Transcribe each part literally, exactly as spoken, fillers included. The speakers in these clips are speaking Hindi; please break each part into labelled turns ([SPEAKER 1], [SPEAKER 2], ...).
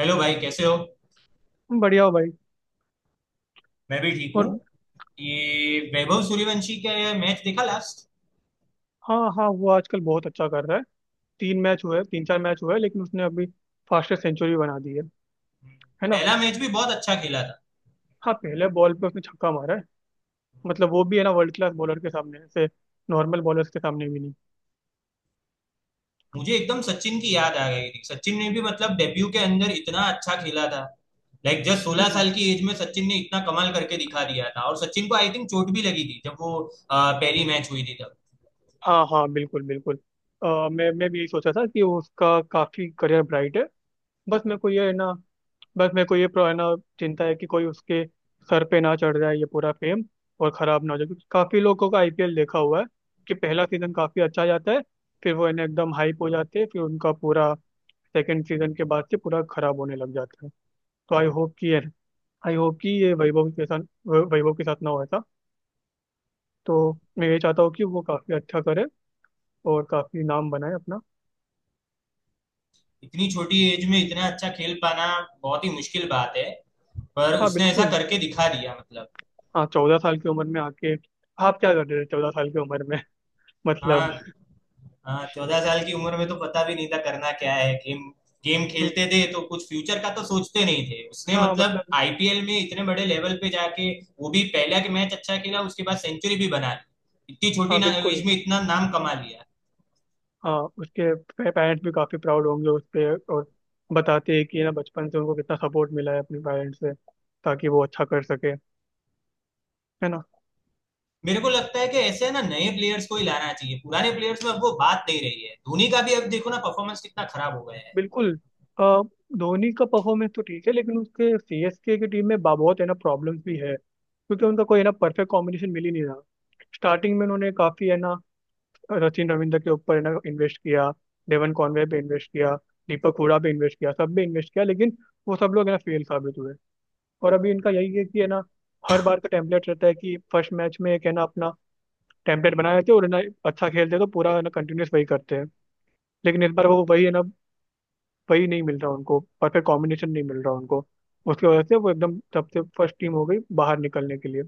[SPEAKER 1] हेलो भाई कैसे हो।
[SPEAKER 2] बढ़िया हो भाई।
[SPEAKER 1] मैं भी ठीक हूँ।
[SPEAKER 2] और
[SPEAKER 1] ये वैभव सूर्यवंशी का ये मैच देखा लास्ट।
[SPEAKER 2] हाँ हाँ वो आजकल बहुत अच्छा कर रहा है। तीन मैच हुए तीन चार मैच हुए लेकिन उसने अभी फास्टेस्ट सेंचुरी बना दी है। है ना।
[SPEAKER 1] पहला मैच भी बहुत अच्छा खेला था।
[SPEAKER 2] हाँ पहले बॉल पे उसने छक्का मारा है। मतलब वो भी है ना वर्ल्ड क्लास बॉलर के सामने ऐसे नॉर्मल बॉलर्स के सामने भी नहीं।
[SPEAKER 1] मुझे एकदम सचिन की याद आ गई थी। सचिन ने भी मतलब डेब्यू के अंदर इतना अच्छा खेला था। लाइक जस्ट सोलह
[SPEAKER 2] हम्म।
[SPEAKER 1] साल की एज में सचिन ने इतना कमाल करके दिखा दिया था और सचिन को आई थिंक चोट भी लगी थी जब वो अ, पहली मैच हुई थी तब।
[SPEAKER 2] हाँ हाँ बिल्कुल बिल्कुल। अ, मैं मैं भी यही सोचा था कि उसका काफी करियर ब्राइट है। बस मेरे को ये है ना। बस मेरे को ये प्रो- है ना। चिंता है कि कोई उसके सर पे ना चढ़ जाए ये पूरा फेम। और खराब ना हो जाए क्योंकि काफी लोगों का आईपीएल देखा हुआ है कि पहला सीजन काफी अच्छा जाता है। फिर वो है ना एकदम हाइप हो जाते हैं फिर उनका पूरा सेकंड सीजन के बाद से पूरा खराब होने लग जाता है। तो आई होप कि आई होप कि ये वैभव के साथ वै- वैभव के साथ ना हो ऐसा। तो मैं ये चाहता हूँ कि वो काफी अच्छा करे और काफी नाम बनाए अपना।
[SPEAKER 1] इतनी छोटी एज में इतना अच्छा खेल पाना बहुत ही मुश्किल बात है, पर
[SPEAKER 2] हाँ
[SPEAKER 1] उसने ऐसा
[SPEAKER 2] बिल्कुल।
[SPEAKER 1] करके दिखा दिया मतलब।
[SPEAKER 2] हाँ चौदह साल की उम्र में आके आप क्या कर रहे थे चौदह साल की उम्र में
[SPEAKER 1] हाँ।
[SPEAKER 2] मतलब।
[SPEAKER 1] हाँ, चौदह साल की उम्र में तो पता भी नहीं था करना क्या है। गेम गेम
[SPEAKER 2] हम्म,
[SPEAKER 1] खेलते थे तो कुछ फ्यूचर का तो सोचते नहीं थे। उसने
[SPEAKER 2] हाँ
[SPEAKER 1] मतलब
[SPEAKER 2] मतलब।
[SPEAKER 1] आईपीएल में इतने बड़े लेवल पे जाके, वो भी पहला के मैच अच्छा खेला, उसके बाद सेंचुरी भी बना ली। इतनी छोटी
[SPEAKER 2] हाँ
[SPEAKER 1] ना
[SPEAKER 2] बिल्कुल।
[SPEAKER 1] एज में इतना नाम कमा लिया।
[SPEAKER 2] हाँ उसके पेरेंट्स भी काफ़ी प्राउड होंगे उस पे। और बताते हैं कि ना बचपन से उनको कितना सपोर्ट मिला है अपने पेरेंट्स से ताकि वो अच्छा कर सके। है ना।
[SPEAKER 1] मेरे को लगता है कि ऐसे है ना नए प्लेयर्स को ही लाना चाहिए। पुराने प्लेयर्स में अब वो बात नहीं रही है। धोनी का भी अब देखो ना परफॉर्मेंस कितना खराब हो गया है।
[SPEAKER 2] बिल्कुल। अ, धोनी का परफॉर्मेंस तो ठीक है लेकिन उसके सीएसके की टीम में बा- बहुत है ना प्रॉब्लम्स भी है क्योंकि उनका कोई है ना परफेक्ट कॉम्बिनेशन मिल ही नहीं रहा। स्टार्टिंग में उन्होंने काफ़ी है ना सचिन रविंद्र के ऊपर है ना इन्वेस्ट किया। डेवन कॉनवे पे इन्वेस्ट किया। दीपक हुडा पे इन्वेस्ट किया सब पे इन्वेस्ट किया लेकिन वो सब लोग है ना फेल साबित हुए। और अभी इनका यही है कि है ना हर बार का टेम्पलेट रहता है कि फर्स्ट मैच में एक है ना अपना टेम्पलेट बनाए रहते हैं और है ना अच्छा खेलते हैं तो पूरा है ना कंटिन्यूस वही करते हैं। लेकिन इस बार वो वही है ना वही नहीं मिल रहा उनको परफेक्ट कॉम्बिनेशन नहीं मिल रहा उनको। उसकी वजह से वो एकदम सबसे फर्स्ट टीम हो गई बाहर निकलने के लिए।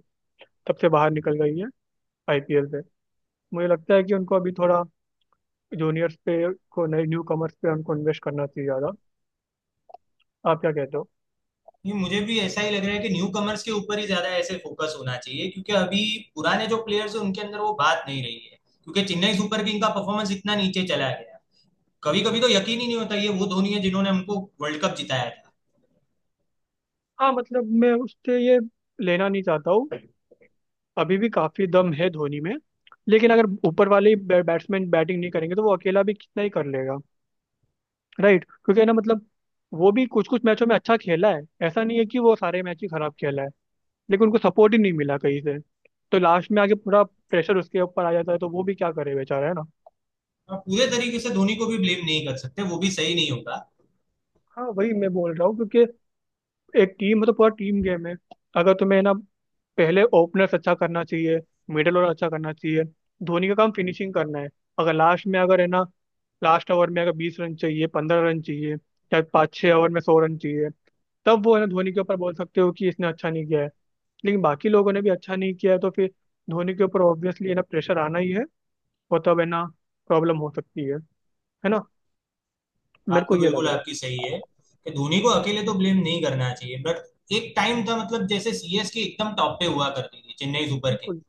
[SPEAKER 2] तब से बाहर निकल गई है आईपीएल से। मुझे लगता है कि उनको अभी थोड़ा जूनियर्स पे को नए न्यू कमर्स पे उनको इन्वेस्ट करना चाहिए ज़्यादा। आप क्या कहते हो?
[SPEAKER 1] नहीं, मुझे भी ऐसा ही लग रहा है कि न्यू कमर्स के ऊपर ही ज्यादा ऐसे फोकस होना चाहिए, क्योंकि अभी पुराने जो प्लेयर्स हैं उनके अंदर वो बात नहीं रही है। क्योंकि चेन्नई सुपर किंग का परफॉर्मेंस इतना नीचे चला गया, कभी कभी तो यकीन ही नहीं होता ये वो धोनी है जिन्होंने हमको वर्ल्ड कप जिताया था।
[SPEAKER 2] हाँ मतलब मैं उससे ये लेना नहीं चाहता हूँ। अभी भी काफी दम है धोनी में। लेकिन अगर ऊपर वाले ही बै- बैट्समैन बैटिंग नहीं करेंगे तो वो अकेला भी कितना ही कर लेगा। राइट क्योंकि है ना मतलब वो भी कुछ कुछ मैचों में अच्छा खेला है ऐसा नहीं है कि वो सारे मैच ही खराब खेला है। लेकिन उनको सपोर्ट ही नहीं मिला कहीं से। तो लास्ट में आके पूरा प्रेशर उसके ऊपर आ जाता है तो वो भी क्या करे बेचारा है ना।
[SPEAKER 1] और पूरे तरीके से धोनी को भी ब्लेम नहीं कर सकते, वो भी सही नहीं होगा।
[SPEAKER 2] हाँ वही मैं बोल रहा हूँ क्योंकि एक टीम मतलब पूरा टीम गेम है। अगर तुम्हें ना पहले ओपनर्स अच्छा करना चाहिए। मिडल और अच्छा करना चाहिए। धोनी का काम फिनिशिंग करना है। अगर लास्ट में अगर है ना लास्ट ओवर में अगर बीस रन चाहिए पंद्रह रन चाहिए या पाँच छः ओवर में सौ रन चाहिए तब वो है ना धोनी के ऊपर बोल सकते हो कि इसने अच्छा नहीं किया है। लेकिन बाकी लोगों ने भी अच्छा नहीं किया है तो फिर धोनी के ऊपर ऑब्वियसली है ना प्रेशर आना ही है। और तब है ना प्रॉब्लम हो सकती है। है ना। मेरे
[SPEAKER 1] बात
[SPEAKER 2] को
[SPEAKER 1] तो
[SPEAKER 2] ये
[SPEAKER 1] बिल्कुल
[SPEAKER 2] लग रहा
[SPEAKER 1] आपकी
[SPEAKER 2] है।
[SPEAKER 1] सही है कि धोनी को अकेले तो ब्लेम नहीं करना चाहिए, बट एक टाइम था मतलब जैसे सीएसके एकदम टॉप पे हुआ करती थी चेन्नई सुपर किंग।
[SPEAKER 2] बिल्कुल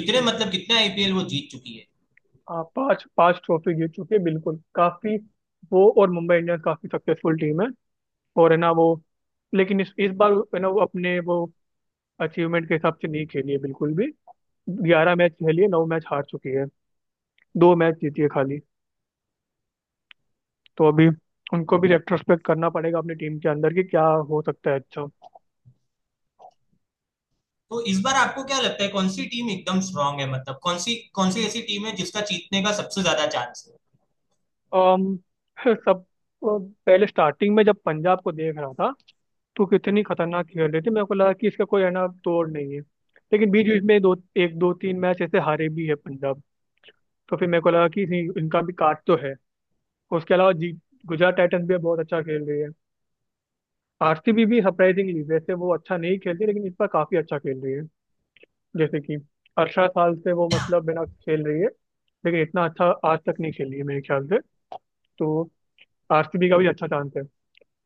[SPEAKER 1] कितने मतलब कितने आईपीएल वो जीत चुकी है।
[SPEAKER 2] हाँ पांच पांच ट्रॉफी जीत चुके हैं बिल्कुल काफी। वो और मुंबई इंडियंस काफी सक्सेसफुल टीम है। और है ना वो लेकिन इस इस बार है ना वो अपने वो अचीवमेंट के हिसाब से नहीं खेली है बिल्कुल भी। ग्यारह मैच खेली है नौ मैच हार चुकी है। दो मैच जीती है खाली। तो अभी उनको भी रेट्रोस्पेक्ट करना पड़ेगा अपनी टीम के अंदर कि क्या हो सकता है अच्छा।
[SPEAKER 1] तो इस बार आपको क्या लगता है कौन सी टीम एकदम स्ट्रांग है? मतलब कौन सी कौन सी ऐसी टीम है जिसका जीतने का सबसे ज्यादा चांस है?
[SPEAKER 2] अम, सब। पहले स्टार्टिंग में जब पंजाब को देख रहा था तो कितनी खतरनाक खेल रही थी मेरे को लगा कि इसका कोई है ना तोड़ नहीं है। लेकिन बीच बीच में दो एक दो तीन मैच ऐसे हारे भी है पंजाब। तो फिर मेरे को लगा कि नहीं, इनका भी काट तो है। उसके अलावा जी गुजरात टाइटंस भी बहुत अच्छा खेल रही है। आरसीबी भी सरप्राइजिंगली वैसे वो अच्छा नहीं खेलती लेकिन इस बार काफी अच्छा खेल रही है। जैसे कि अठारह साल से वो मतलब बिना खेल रही है लेकिन इतना अच्छा आज तक नहीं खेली है मेरे ख्याल से। तो आरसीबी का भी अच्छा चांस है।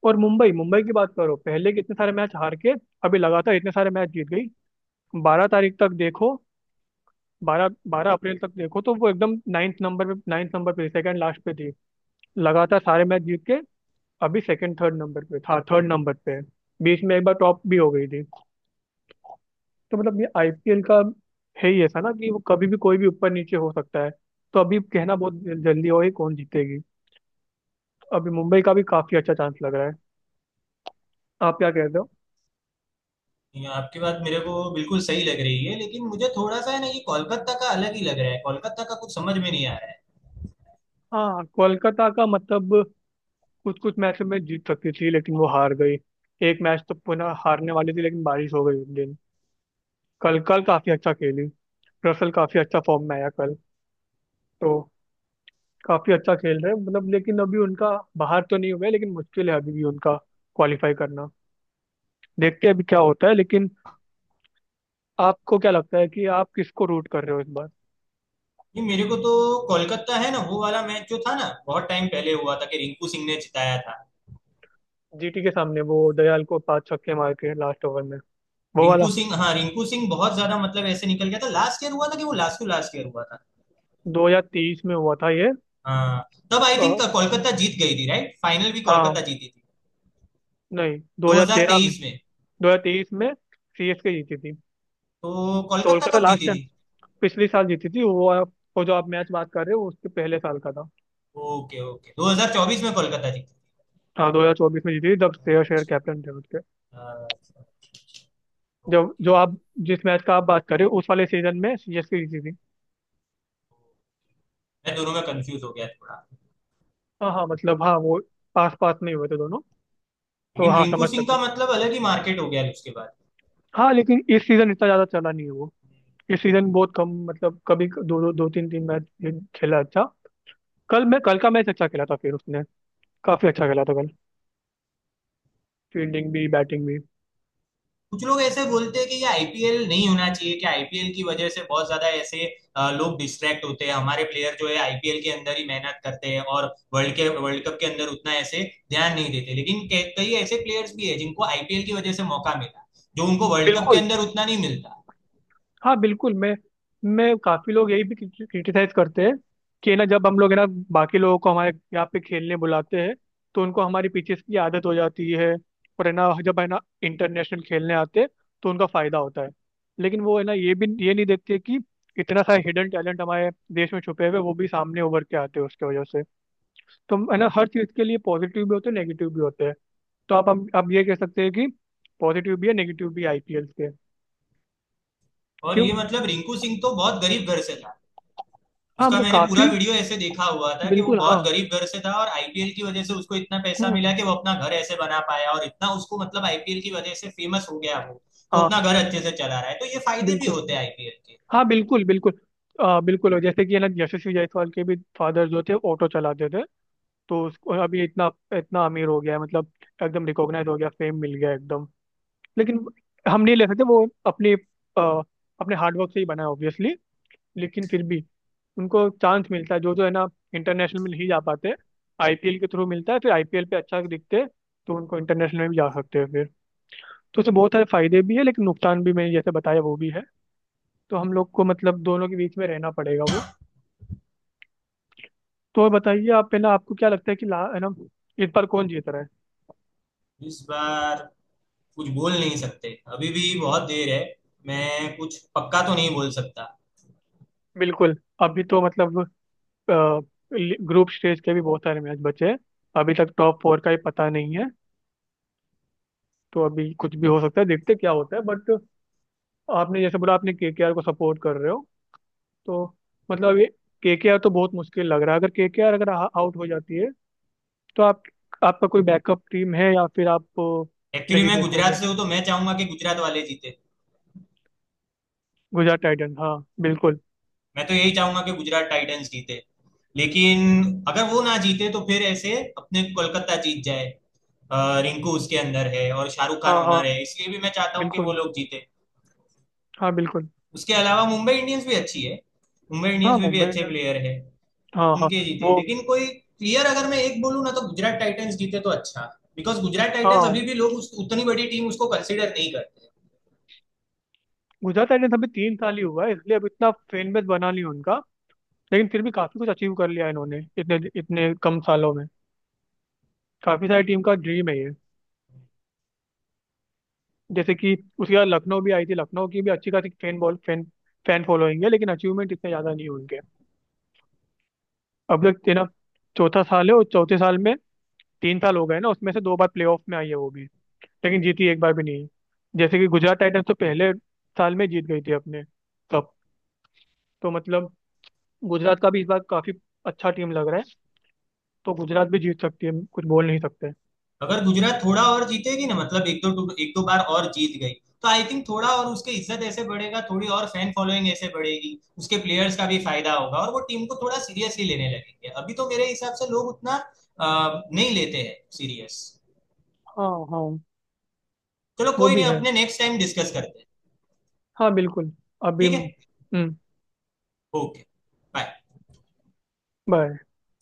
[SPEAKER 2] और मुंबई मुंबई की बात करो पहले कितने सारे मैच हार के अभी लगातार इतने सारे मैच जीत गई। बारह तारीख तक देखो। बारह बारह अप्रैल तक देखो तो वो एकदम नाइन्थ नंबर पे नाइन्थ नंबर पे सेकंड लास्ट पे थी। लगातार सारे मैच जीत के अभी सेकंड थर्ड नंबर पे था थर्ड नंबर पे है। बीच में एक बार टॉप भी हो गई थी। तो मतलब ये आईपीएल का है ही ऐसा ना कि वो कभी भी कोई भी ऊपर नीचे हो सकता है। तो अभी कहना बहुत जल्दी हो ही कौन जीतेगी। अभी मुंबई का भी काफी अच्छा चांस लग रहा है। आप क्या कहते हो?
[SPEAKER 1] ये आपकी बात मेरे को बिल्कुल सही लग रही है, लेकिन मुझे थोड़ा सा है ना ये कोलकाता का अलग ही लग रहा है। कोलकाता का कुछ समझ में नहीं आ रहा है।
[SPEAKER 2] हाँ कोलकाता का मतलब कुछ कुछ मैच में जीत सकती थी लेकिन वो हार गई। एक मैच तो पुनः हारने वाली थी लेकिन बारिश हो गई उस दिन। कल कल काफी अच्छा खेली। रसल काफी अच्छा फॉर्म में आया कल। तो काफी अच्छा खेल रहे हैं मतलब लेकिन अभी उनका बाहर तो नहीं हुआ है लेकिन मुश्किल है अभी भी उनका क्वालिफाई करना। देखते हैं अभी क्या होता है लेकिन आपको क्या लगता है कि आप किसको रूट कर रहे हो इस बार?
[SPEAKER 1] ये मेरे को तो कोलकाता है ना, वो वाला मैच जो था ना, बहुत टाइम पहले हुआ था कि रिंकू सिंह ने जिताया था।
[SPEAKER 2] जीटी के सामने वो दयाल को पांच छक्के मार के लास्ट ओवर में वो वाला
[SPEAKER 1] रिंकू सिंह, हाँ रिंकू सिंह बहुत ज्यादा मतलब ऐसे निकल गया था। लास्ट ईयर हुआ था कि वो, लास्ट टू लास्ट ईयर हुआ था।
[SPEAKER 2] दो हज़ार तेईस में हुआ था ये।
[SPEAKER 1] हाँ, तब आई
[SPEAKER 2] अ,
[SPEAKER 1] थिंक कोलकाता जीत गई थी, राइट? फाइनल भी कोलकाता
[SPEAKER 2] हाँ।
[SPEAKER 1] जीती थी।
[SPEAKER 2] नहीं। दो हज़ार तेरह में।
[SPEAKER 1] दो हज़ार तेईस में?
[SPEAKER 2] दो हज़ार तेईस में सीएसके जीती थी।
[SPEAKER 1] तो कोलकाता
[SPEAKER 2] कोलकाता
[SPEAKER 1] कब
[SPEAKER 2] लास्ट
[SPEAKER 1] जीती
[SPEAKER 2] टाइम
[SPEAKER 1] थी?
[SPEAKER 2] पिछले साल जीती थी वो आप- वो जो आप मैच बात कर रहे हो वो उसके पहले साल का था।
[SPEAKER 1] ओके ओके, दो हज़ार चौबीस में कोलकाता जीती
[SPEAKER 2] हाँ दो हज़ार चौबीस में जीती थी जब
[SPEAKER 1] थी।
[SPEAKER 2] श्रेयस अय्यर
[SPEAKER 1] अच्छा।
[SPEAKER 2] कैप्टन थे उसके।
[SPEAKER 1] अच्छा, अच्छा।
[SPEAKER 2] जब
[SPEAKER 1] ओके
[SPEAKER 2] जो आप
[SPEAKER 1] ओके।
[SPEAKER 2] जिस मैच का आप बात कर रहे हो उस वाले सीजन में सीएसके जीती थी।
[SPEAKER 1] मैं दोनों में कंफ्यूज हो गया थोड़ा।
[SPEAKER 2] हाँ हाँ मतलब हाँ वो पास पास नहीं हुए थे दोनों। तो
[SPEAKER 1] लेकिन
[SPEAKER 2] हाँ
[SPEAKER 1] रिंकू
[SPEAKER 2] समझ
[SPEAKER 1] सिंह
[SPEAKER 2] सकते
[SPEAKER 1] का
[SPEAKER 2] हैं।
[SPEAKER 1] मतलब अलग ही मार्केट हो गया उसके बाद।
[SPEAKER 2] हाँ लेकिन इस सीजन इतना ज्यादा चला नहीं है वो। इस सीजन बहुत कम मतलब कभी दो दो, दो तीन तीन मैच खेला अच्छा। कल मैं कल का मैच अच्छा खेला था फिर उसने काफी अच्छा खेला था कल। फील्डिंग भी बैटिंग भी।
[SPEAKER 1] कुछ लोग ऐसे बोलते हैं कि ये आईपीएल नहीं होना चाहिए, कि आईपीएल की वजह से बहुत ज्यादा ऐसे अ, लोग डिस्ट्रैक्ट होते हैं। हमारे प्लेयर जो है आईपीएल के अंदर ही मेहनत करते हैं और वर्ल्ड के वर्ल्ड कप के अंदर उतना ऐसे ध्यान नहीं देते। लेकिन कई कई ऐसे प्लेयर्स भी है जिनको आईपीएल की वजह से मौका मिला, जो उनको वर्ल्ड कप के
[SPEAKER 2] बिल्कुल।
[SPEAKER 1] अंदर उतना नहीं मिलता।
[SPEAKER 2] हाँ बिल्कुल मैं मैं काफी लोग यही भी क्रिटिसाइज करते हैं कि ना जब हम लोग है ना बाकी लोगों को हमारे यहाँ पे खेलने बुलाते हैं तो उनको हमारी पिचेस की आदत हो जाती है। और है ना जब है ना इंटरनेशनल खेलने आते हैं तो उनका फायदा होता है। लेकिन वो है ना ये भी ये नहीं देखते कि इतना सारा हिडन टैलेंट हमारे देश में छुपे हुए हैं, वो भी सामने उभर के आते हैं उसके वजह से। तो है ना हर चीज के लिए पॉजिटिव भी होते हैं नेगेटिव भी होते हैं। तो आप हम आप ये कह सकते हैं कि पॉजिटिव भी है नेगेटिव भी आईपीएल के।
[SPEAKER 1] और
[SPEAKER 2] क्यों?
[SPEAKER 1] ये मतलब रिंकू सिंह तो बहुत गरीब घर से था।
[SPEAKER 2] हाँ
[SPEAKER 1] उसका
[SPEAKER 2] मतलब
[SPEAKER 1] मैंने पूरा
[SPEAKER 2] काफी
[SPEAKER 1] वीडियो ऐसे देखा हुआ था कि वो
[SPEAKER 2] बिल्कुल हाँ।
[SPEAKER 1] बहुत गरीब घर से था, और आईपीएल की वजह से उसको इतना पैसा मिला
[SPEAKER 2] हम्म।
[SPEAKER 1] कि वो अपना घर ऐसे बना पाया, और इतना उसको मतलब आईपीएल की वजह से फेमस हो गया वो। तो
[SPEAKER 2] हाँ
[SPEAKER 1] अपना घर अच्छे से चला रहा है। तो ये फायदे भी
[SPEAKER 2] बिल्कुल।
[SPEAKER 1] होते हैं आईपीएल के।
[SPEAKER 2] हाँ बिल्कुल बिल्कुल। आ, बिल्कुल और जैसे कि है ना यशस्वी जायसवाल के भी फादर जो थे ऑटो चलाते थे। तो उसको अभी इतना इतना अमीर हो गया है, मतलब एकदम रिकॉग्नाइज हो गया फेम मिल गया एकदम। लेकिन हम नहीं ले सकते वो अपने आ, अपने हार्डवर्क से ही बना है ऑब्वियसली। लेकिन फिर भी उनको चांस मिलता है जो जो है ना इंटरनेशनल में नहीं जा पाते। आईपीएल के थ्रू मिलता है फिर आईपीएल पे अच्छा दिखते हैं तो उनको इंटरनेशनल में भी जा सकते हैं फिर। तो उससे बहुत सारे फायदे भी है लेकिन नुकसान भी मैंने जैसे बताया वो भी है। तो हम लोग को मतलब दोनों के बीच में रहना पड़ेगा वो। तो बताइए आप पहले आपको क्या लगता है कि ला है ना इस बार कौन जीत रहा है?
[SPEAKER 1] इस बार कुछ बोल नहीं सकते, अभी भी बहुत देर है। मैं कुछ पक्का तो नहीं बोल सकता।
[SPEAKER 2] बिल्कुल। अभी तो मतलब ग्रुप स्टेज के भी बहुत सारे मैच बचे हैं। अभी तक टॉप फोर का ही पता नहीं है। तो अभी कुछ भी हो सकता है देखते क्या होता है बट आपने जैसे बोला आपने केकेआर को सपोर्ट कर रहे हो। तो मतलब ये केकेआर तो बहुत मुश्किल लग रहा है अगर केकेआर अगर आउट हो जाती है तो आप आपका कोई बैकअप टीम है या फिर आप अ,
[SPEAKER 1] एक्चुअली
[SPEAKER 2] नहीं
[SPEAKER 1] मैं गुजरात
[SPEAKER 2] देखोगे।
[SPEAKER 1] से हूँ तो मैं चाहूंगा कि गुजरात वाले जीते।
[SPEAKER 2] गुजरात टाइटन हाँ बिल्कुल।
[SPEAKER 1] मैं तो यही चाहूंगा कि गुजरात टाइटंस जीते। लेकिन अगर वो ना जीते तो फिर ऐसे अपने कोलकाता जीत जाए। अ, रिंकू उसके अंदर है और शाहरुख खान
[SPEAKER 2] हाँ हाँ
[SPEAKER 1] ओनर है, इसलिए भी मैं चाहता हूँ कि वो
[SPEAKER 2] बिल्कुल।
[SPEAKER 1] लोग जीते।
[SPEAKER 2] हाँ बिल्कुल।
[SPEAKER 1] उसके अलावा मुंबई इंडियंस भी अच्छी है। मुंबई इंडियंस
[SPEAKER 2] हाँ
[SPEAKER 1] में भी
[SPEAKER 2] मुंबई
[SPEAKER 1] अच्छे
[SPEAKER 2] इंडियंस
[SPEAKER 1] प्लेयर है।
[SPEAKER 2] हाँ हाँ।
[SPEAKER 1] उनके जीते,
[SPEAKER 2] वो
[SPEAKER 1] लेकिन कोई क्लियर अगर मैं एक बोलूँ ना, तो गुजरात टाइटंस जीते तो अच्छा। बिकॉज गुजरात टाइटंस
[SPEAKER 2] हाँ
[SPEAKER 1] अभी भी लोग उस, उतनी बड़ी टीम उसको कंसिडर नहीं करते।
[SPEAKER 2] गुजरात टाइटंस अभी तीन साल ही हुआ है इसलिए अब इतना फैन बेस बना नहीं उनका। लेकिन फिर भी काफी कुछ अचीव कर लिया इन्होंने इतने इतने कम सालों में। काफी सारी टीम का ड्रीम है ये। जैसे कि उसके बाद लखनऊ भी आई थी लखनऊ की भी अच्छी खासी fan ball fan fan following है लेकिन अचीवमेंट इतने ज्यादा नहीं है उनके। अब तक तेना चौथा साल है और चौथे साल में तीन साल हो गए ना उसमें से दो बार प्लेऑफ में आई है वो भी लेकिन जीती एक बार भी नहीं है। जैसे कि गुजरात टाइटंस तो पहले साल में जीत गई थी अपने। तो मतलब गुजरात का भी इस बार काफी अच्छा टीम लग रहा है। तो गुजरात भी जीत सकती है कुछ बोल नहीं सकते।
[SPEAKER 1] अगर गुजरात थोड़ा और जीतेगी ना, मतलब एक दो एक दो बार और जीत गई, तो आई थिंक थोड़ा और उसके इज्जत ऐसे बढ़ेगा, थोड़ी और फैन फॉलोइंग ऐसे बढ़ेगी, उसके प्लेयर्स का भी फायदा होगा, और वो टीम को थोड़ा सीरियसली लेने लगेंगे। अभी तो मेरे हिसाब से लोग उतना अ, नहीं लेते हैं सीरियस।
[SPEAKER 2] हाँ हाँ
[SPEAKER 1] चलो
[SPEAKER 2] वो
[SPEAKER 1] कोई
[SPEAKER 2] भी
[SPEAKER 1] नहीं,
[SPEAKER 2] है।
[SPEAKER 1] अपने नेक्स्ट टाइम डिस्कस करते हैं।
[SPEAKER 2] हाँ बिल्कुल। अभी
[SPEAKER 1] ठीक है।
[SPEAKER 2] हम्म।
[SPEAKER 1] ओके।
[SPEAKER 2] बाय।